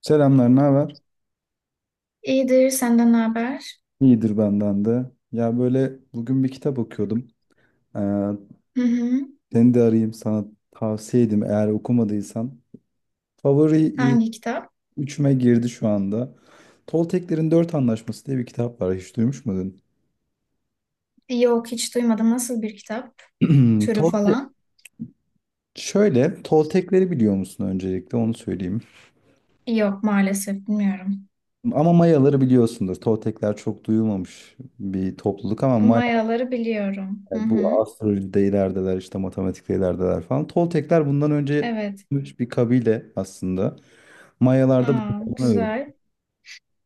Selamlar, ne haber? İyidir, senden ne haber? İyidir benden de. Ya böyle bugün bir kitap okuyordum. Ee, Hı hı. seni de arayayım, sana tavsiye edeyim eğer okumadıysan. Favori ilk Hangi kitap? üçüme girdi şu anda. Tolteklerin Dört Anlaşması diye bir kitap var. Hiç duymuş muydun? Yok, hiç duymadım. Nasıl bir kitap? Türü Tolte- falan? Şöyle, Toltekleri biliyor musun, öncelikle onu söyleyeyim. Yok, maalesef bilmiyorum. Ama Mayaları biliyorsundur. Toltekler çok duyulmamış bir topluluk ama Mayaları biliyorum. Hı yani hı. bu astrolojide ilerideler, işte matematikte ilerideler falan. Toltekler bundan önce Evet. yaşamış bir kabile aslında. Mayalarda Aa, bunu öğren. güzel.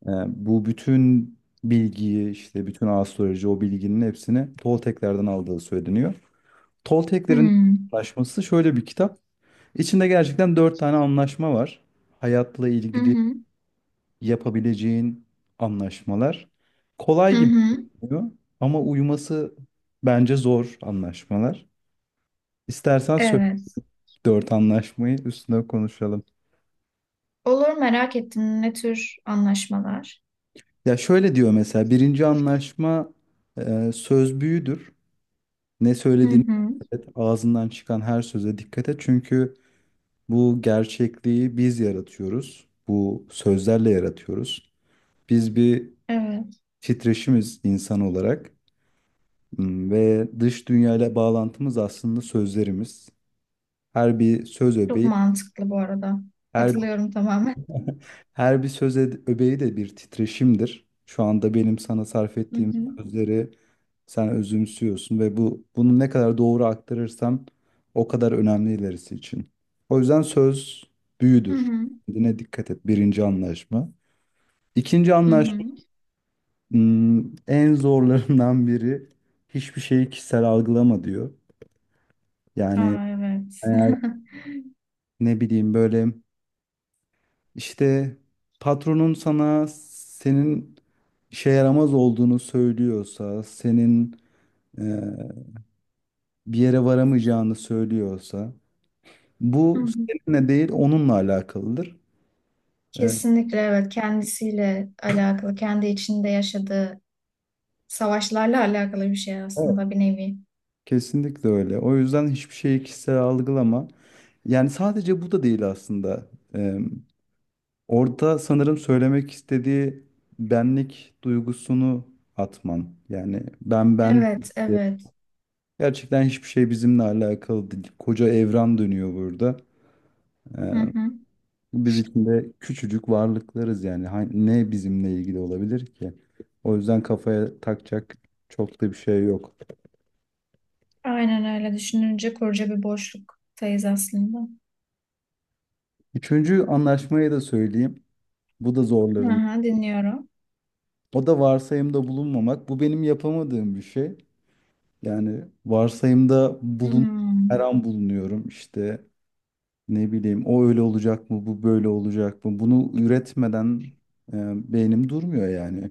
Yani bu bütün bilgiyi, işte bütün astroloji, o bilginin hepsini Tolteklerden aldığı söyleniyor. Tolteklerin Hmm. anlaşması şöyle bir kitap. İçinde gerçekten dört tane anlaşma var. Hayatla Hı ilgili hı. yapabileceğin anlaşmalar. Kolay Hı gibi hı. görünüyor ama uyuması bence zor anlaşmalar. İstersen söyle, Evet. dört anlaşmayı üstüne konuşalım. Olur, merak ettim. Ne tür anlaşmalar? Ya şöyle diyor mesela, birinci anlaşma: söz büyüdür. Ne Hı söylediğini hı. dikkat et, ağzından çıkan her söze dikkat et. Çünkü bu gerçekliği biz yaratıyoruz. Bu sözlerle yaratıyoruz. Biz bir Evet. titreşimiz insan olarak, ve dış dünyayla bağlantımız aslında sözlerimiz. Her bir söz Çok öbeği, mantıklı bu arada. her Katılıyorum tamamen. Her bir söz ed- öbeği de bir titreşimdir. Şu anda benim sana sarf Hı ettiğim hı. sözleri sen özümsüyorsun ve bu bunu ne kadar doğru aktarırsam o kadar önemli ilerisi için. O yüzden söz Hı büyüdür. hı. Kendine dikkat et. Birinci anlaşma. İkinci Hı anlaşma, hı. hmm, en zorlarından biri: hiçbir şeyi kişisel algılama diyor. Yani Aa, evet. eğer, ne bileyim, böyle İşte patronun sana senin işe yaramaz olduğunu söylüyorsa, senin e, bir yere varamayacağını söylüyorsa, Hı bu hı. seninle değil onunla alakalıdır. E, Kesinlikle, evet, kendisiyle alakalı, kendi içinde yaşadığı savaşlarla alakalı bir şey evet, aslında, bir nevi. kesinlikle öyle. O yüzden hiçbir şeyi kişisel algılama. Yani sadece bu da değil aslında. E, orada sanırım söylemek istediği benlik duygusunu atman. Yani ben ben Evet, evet. gerçekten hiçbir şey bizimle alakalı değil. Koca evren dönüyor burada. Hı Ee, hı. biz içinde küçücük varlıklarız yani. Ne bizimle ilgili olabilir ki? O yüzden kafaya takacak çok da bir şey yok. Aynen, öyle düşününce koca bir boşluktayız aslında. Üçüncü anlaşmayı da söyleyeyim. Bu da Hı zorların. hı, dinliyorum. O da varsayımda bulunmamak. Bu benim yapamadığım bir şey. Yani varsayımda bulun, her Hmm. an bulunuyorum. İşte, ne bileyim, o öyle olacak mı, bu böyle olacak mı? Bunu üretmeden beynim durmuyor yani.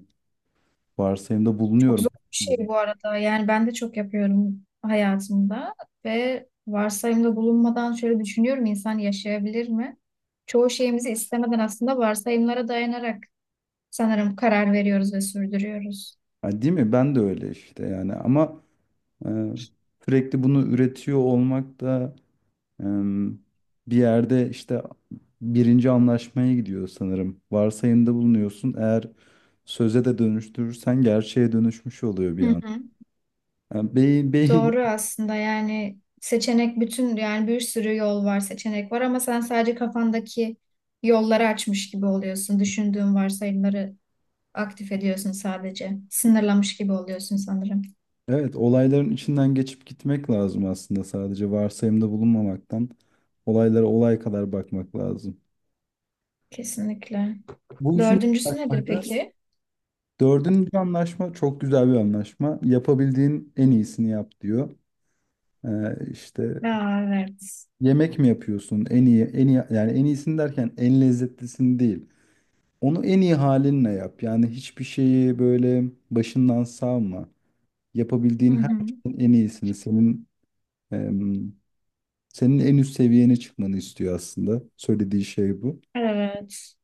Varsayımda Çok zor bulunuyorum. bir şey bu arada. Yani ben de çok yapıyorum hayatımda ve varsayımda bulunmadan şöyle düşünüyorum, insan yaşayabilir mi? Çoğu şeyimizi istemeden aslında varsayımlara dayanarak sanırım karar veriyoruz ve sürdürüyoruz. Ha, değil mi? Ben de öyle işte yani, ama e, sürekli bunu üretiyor olmak da e, bir yerde, işte birinci anlaşmaya gidiyor sanırım. Varsayımda bulunuyorsun. Eğer söze de dönüştürürsen gerçeğe dönüşmüş oluyor bir Hı an. hı. Yani beyin, beyin, Doğru aslında, yani seçenek bütün, yani bir sürü yol var, seçenek var ama sen sadece kafandaki yolları açmış gibi oluyorsun. Düşündüğün varsayımları aktif ediyorsun sadece. Sınırlamış gibi oluyorsun sanırım. evet, olayların içinden geçip gitmek lazım aslında, sadece varsayımda bulunmamaktan olaylara olay kadar bakmak lazım. Kesinlikle. Bu üçüncü. Dördüncüsü nedir peki? Dördüncü anlaşma çok güzel bir anlaşma. Yapabildiğin en iyisini yap diyor. İşte Aa, evet. yemek mi yapıyorsun? En iyi, en iyi, yani en iyisini derken en lezzetlisini değil. Onu en iyi halinle yap. Yani hiçbir şeyi böyle başından savma. Hı Yapabildiğin her hı. şeyin en iyisini, em, senin en üst seviyene çıkmanı istiyor aslında. Söylediği şey bu. Evet.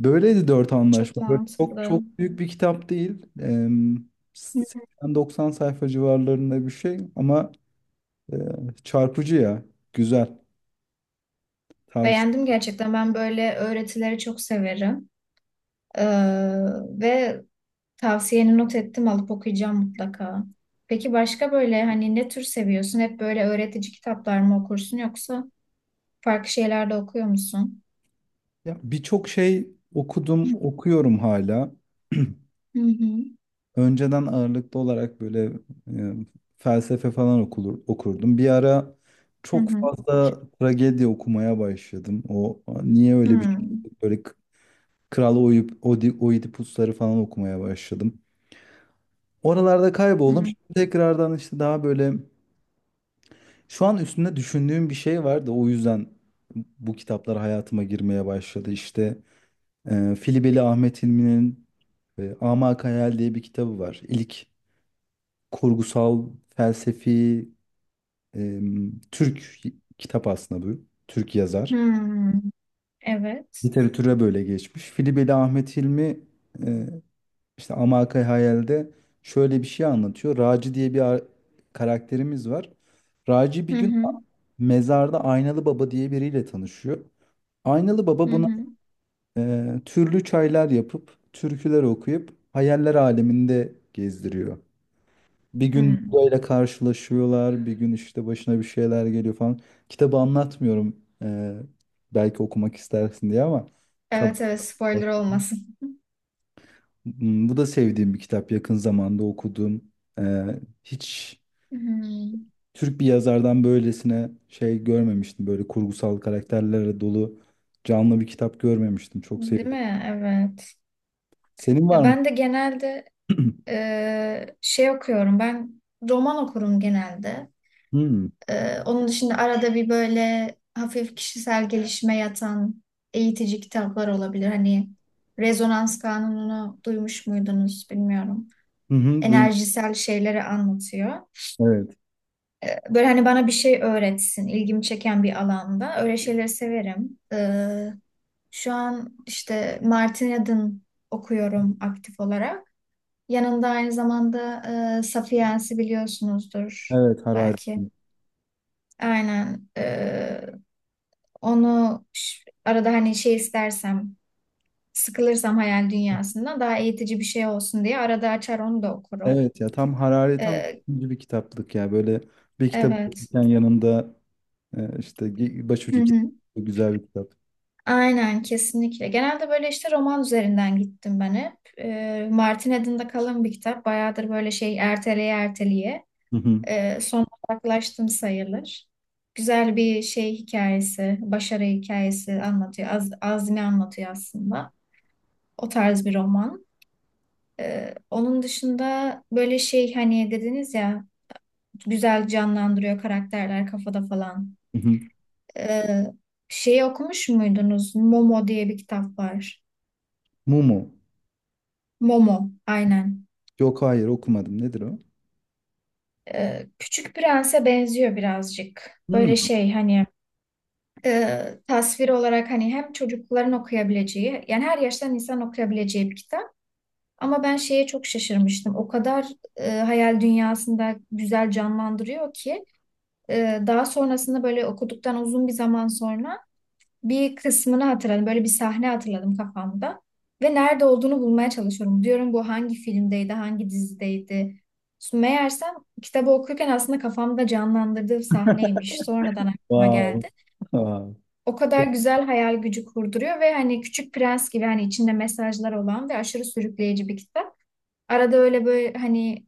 Böyleydi dört Çok anlaşma. Böyle çok mantıklı. çok büyük bir kitap değil. 80-90 sayfa civarlarında bir şey ama e, çarpıcı ya. Güzel. Tavsiye. Beğendim gerçekten. Ben böyle öğretileri çok severim. Ee, ve tavsiyeni not ettim, alıp okuyacağım mutlaka. Peki başka böyle hani ne tür seviyorsun? Hep böyle öğretici kitaplar mı okursun yoksa farklı şeyler de okuyor musun? Ya birçok şey okudum, okuyorum hala. Hı hı. Önceden ağırlıklı olarak böyle e, felsefe falan okulur, okurdum. Bir ara Hı çok hı. fazla tragedi okumaya başladım. O niye öyle bir Hı. şey? Böyle Kral Oidipusları falan okumaya başladım. Oralarda kayboldum. Hı. Şimdi tekrardan işte, daha böyle, şu an üstünde düşündüğüm bir şey var da o yüzden bu kitaplar hayatıma girmeye başladı. İşte Filibeli Ahmet Hilmi'nin Amak Hayal diye bir kitabı var. İlk kurgusal felsefi e, Türk kitap aslında bu. Türk yazar. Hı. Evet. Literatüre böyle geçmiş. Filibeli Ahmet Hilmi e, işte Amak Hayal'de şöyle bir şey anlatıyor. Raci diye bir karakterimiz var. Raci Hı bir gün hı. Mezarda Aynalı Baba diye biriyle tanışıyor. Aynalı Baba Hı buna hı. Türlü çaylar yapıp, türküler okuyup hayaller aleminde gezdiriyor. Bir gün Hı. Buda'yla karşılaşıyorlar, bir gün işte başına bir şeyler geliyor falan. Kitabı anlatmıyorum, belki okumak istersin diye ama. kab- Evet, evet, spoiler olmasın. Hmm, bu da sevdiğim bir kitap. Yakın zamanda okudum. E, Hiç Hı. Türk bir yazardan böylesine şey görmemiştim. Böyle kurgusal karakterlerle dolu canlı bir kitap görmemiştim. Çok Değil sevdim. mi? Evet. Senin var Ya mı? ben de genelde şey okuyorum. Ben roman okurum genelde. Hmm. Onun dışında arada bir böyle hafif kişisel gelişime yatan eğitici kitaplar olabilir. Hani rezonans kanununu duymuş muydunuz, bilmiyorum. Hı hı, duydum. Enerjisel şeyleri anlatıyor. Evet. Böyle hani bana bir şey öğretsin, ilgimi çeken bir alanda. Öyle şeyleri severim. Şu an işte Martin Eden okuyorum aktif olarak. Yanında aynı zamanda Sapiens'i biliyorsunuzdur Evet, Harari. belki. Aynen. Onu ş- arada hani şey istersem, sıkılırsam hayal dünyasından daha eğitici bir şey olsun diye arada açar onu da okurum. Evet, ya tam Harari tam Ee, ikinci bir kitaplık ya. Böyle bir kitap evet. okurken yanında işte Hı başucu kitap. hı. Güzel bir kitap. Aynen, kesinlikle. Genelde böyle işte roman üzerinden gittim ben hep. Martin Eden'de kalın bir kitap. Bayağıdır böyle şey erteleye erteleye. Hı hı, Son uzaklaştım sayılır. Güzel bir şey, hikayesi, başarı hikayesi anlatıyor. Az, azmi anlatıyor aslında. O tarz bir roman. Onun dışında böyle şey hani dediniz ya, güzel canlandırıyor karakterler kafada falan. hı hı. Ee, şeyi okumuş muydunuz? Momo diye bir kitap var. Mumu. Momo, aynen. Yok, hayır, okumadım. Nedir o? Küçük Prens'e benziyor birazcık. Böyle Hmm. şey hani e, tasvir olarak hani hem çocukların okuyabileceği yani her yaştan insan okuyabileceği bir kitap. Ama ben şeye çok şaşırmıştım. O kadar hayal dünyasında güzel canlandırıyor ki. Daha sonrasında böyle okuduktan uzun bir zaman sonra bir kısmını hatırladım. Böyle bir sahne hatırladım kafamda. Ve nerede olduğunu bulmaya çalışıyorum. Diyorum bu hangi filmdeydi, hangi dizideydi. Meğersem kitabı okurken aslında kafamda canlandırdığım sahneymiş. Sonradan aklıma Wow. geldi. Wow. O kadar güzel hayal gücü kurduruyor ve hani Küçük Prens gibi hani içinde mesajlar olan ve aşırı sürükleyici bir kitap. Arada öyle böyle hani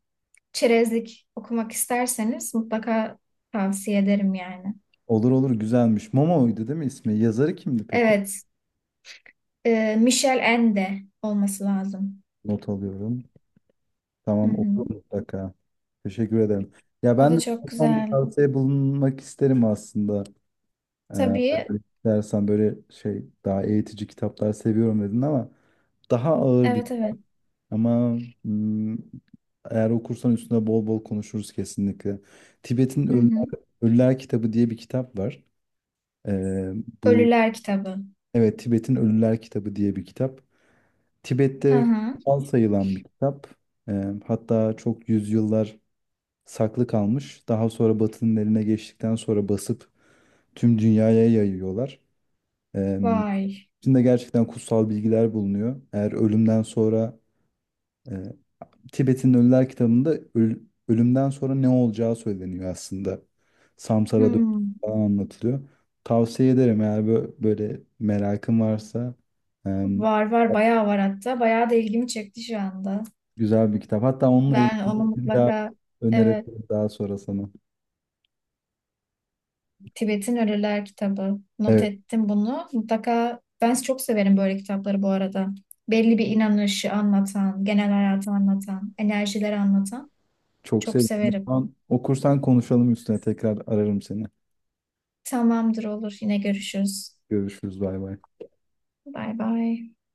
çerezlik okumak isterseniz mutlaka tavsiye ederim yani. Olur, olur, güzelmiş. Momo'ydu değil mi ismi? Yazarı kimdi peki? Evet, Michel Ende olması lazım. Not alıyorum. Hı Tamam, oku hı. mutlaka. Teşekkür ederim. Ya O ben da de çok tam bir güzel. tavsiye bulunmak isterim aslında. Ee, Tabii. Dersen böyle, şey, daha eğitici kitaplar seviyorum dedin ama daha ağır bir, Evet, evet. ama hmm, eğer okursan üstüne bol bol konuşuruz kesinlikle. Tibet'in Hı Ölüler, hı. Ölüler Kitabı diye bir kitap var. Ee, bu Ölüler kitabı. evet Tibet'in Ölüler Kitabı diye bir kitap. Hı Tibet'te hı. kutsal sayılan bir kitap. Hatta çok yüzyıllar saklı kalmış. Daha sonra Batı'nın eline geçtikten sonra basıp tüm dünyaya yayıyorlar. Ee, Vay. içinde gerçekten kutsal bilgiler bulunuyor. Eğer ölümden sonra, e, Tibet'in Ölüler kitabında ölümden sonra ne olacağı söyleniyor aslında. Samsara dönüşü Hmm. falan anlatılıyor. Tavsiye ederim, eğer böyle merakın varsa, e, Var var, bayağı var hatta. Bayağı da ilgimi çekti şu anda. güzel bir kitap. Hatta onunla Ben onu ilgili bir daha mutlaka, evet, önerebilirim daha sonra sana. Tibet'in Ölüler kitabı. Not Evet. ettim bunu. Mutlaka, ben çok severim böyle kitapları bu arada. Belli bir inanışı anlatan, genel hayatı anlatan, enerjileri anlatan. Çok Çok sevdim. O severim. zaman okursan konuşalım üstüne. Tekrar ararım seni. Tamamdır, olur. Yine görüşürüz. Görüşürüz. Bay bay. Bay bay.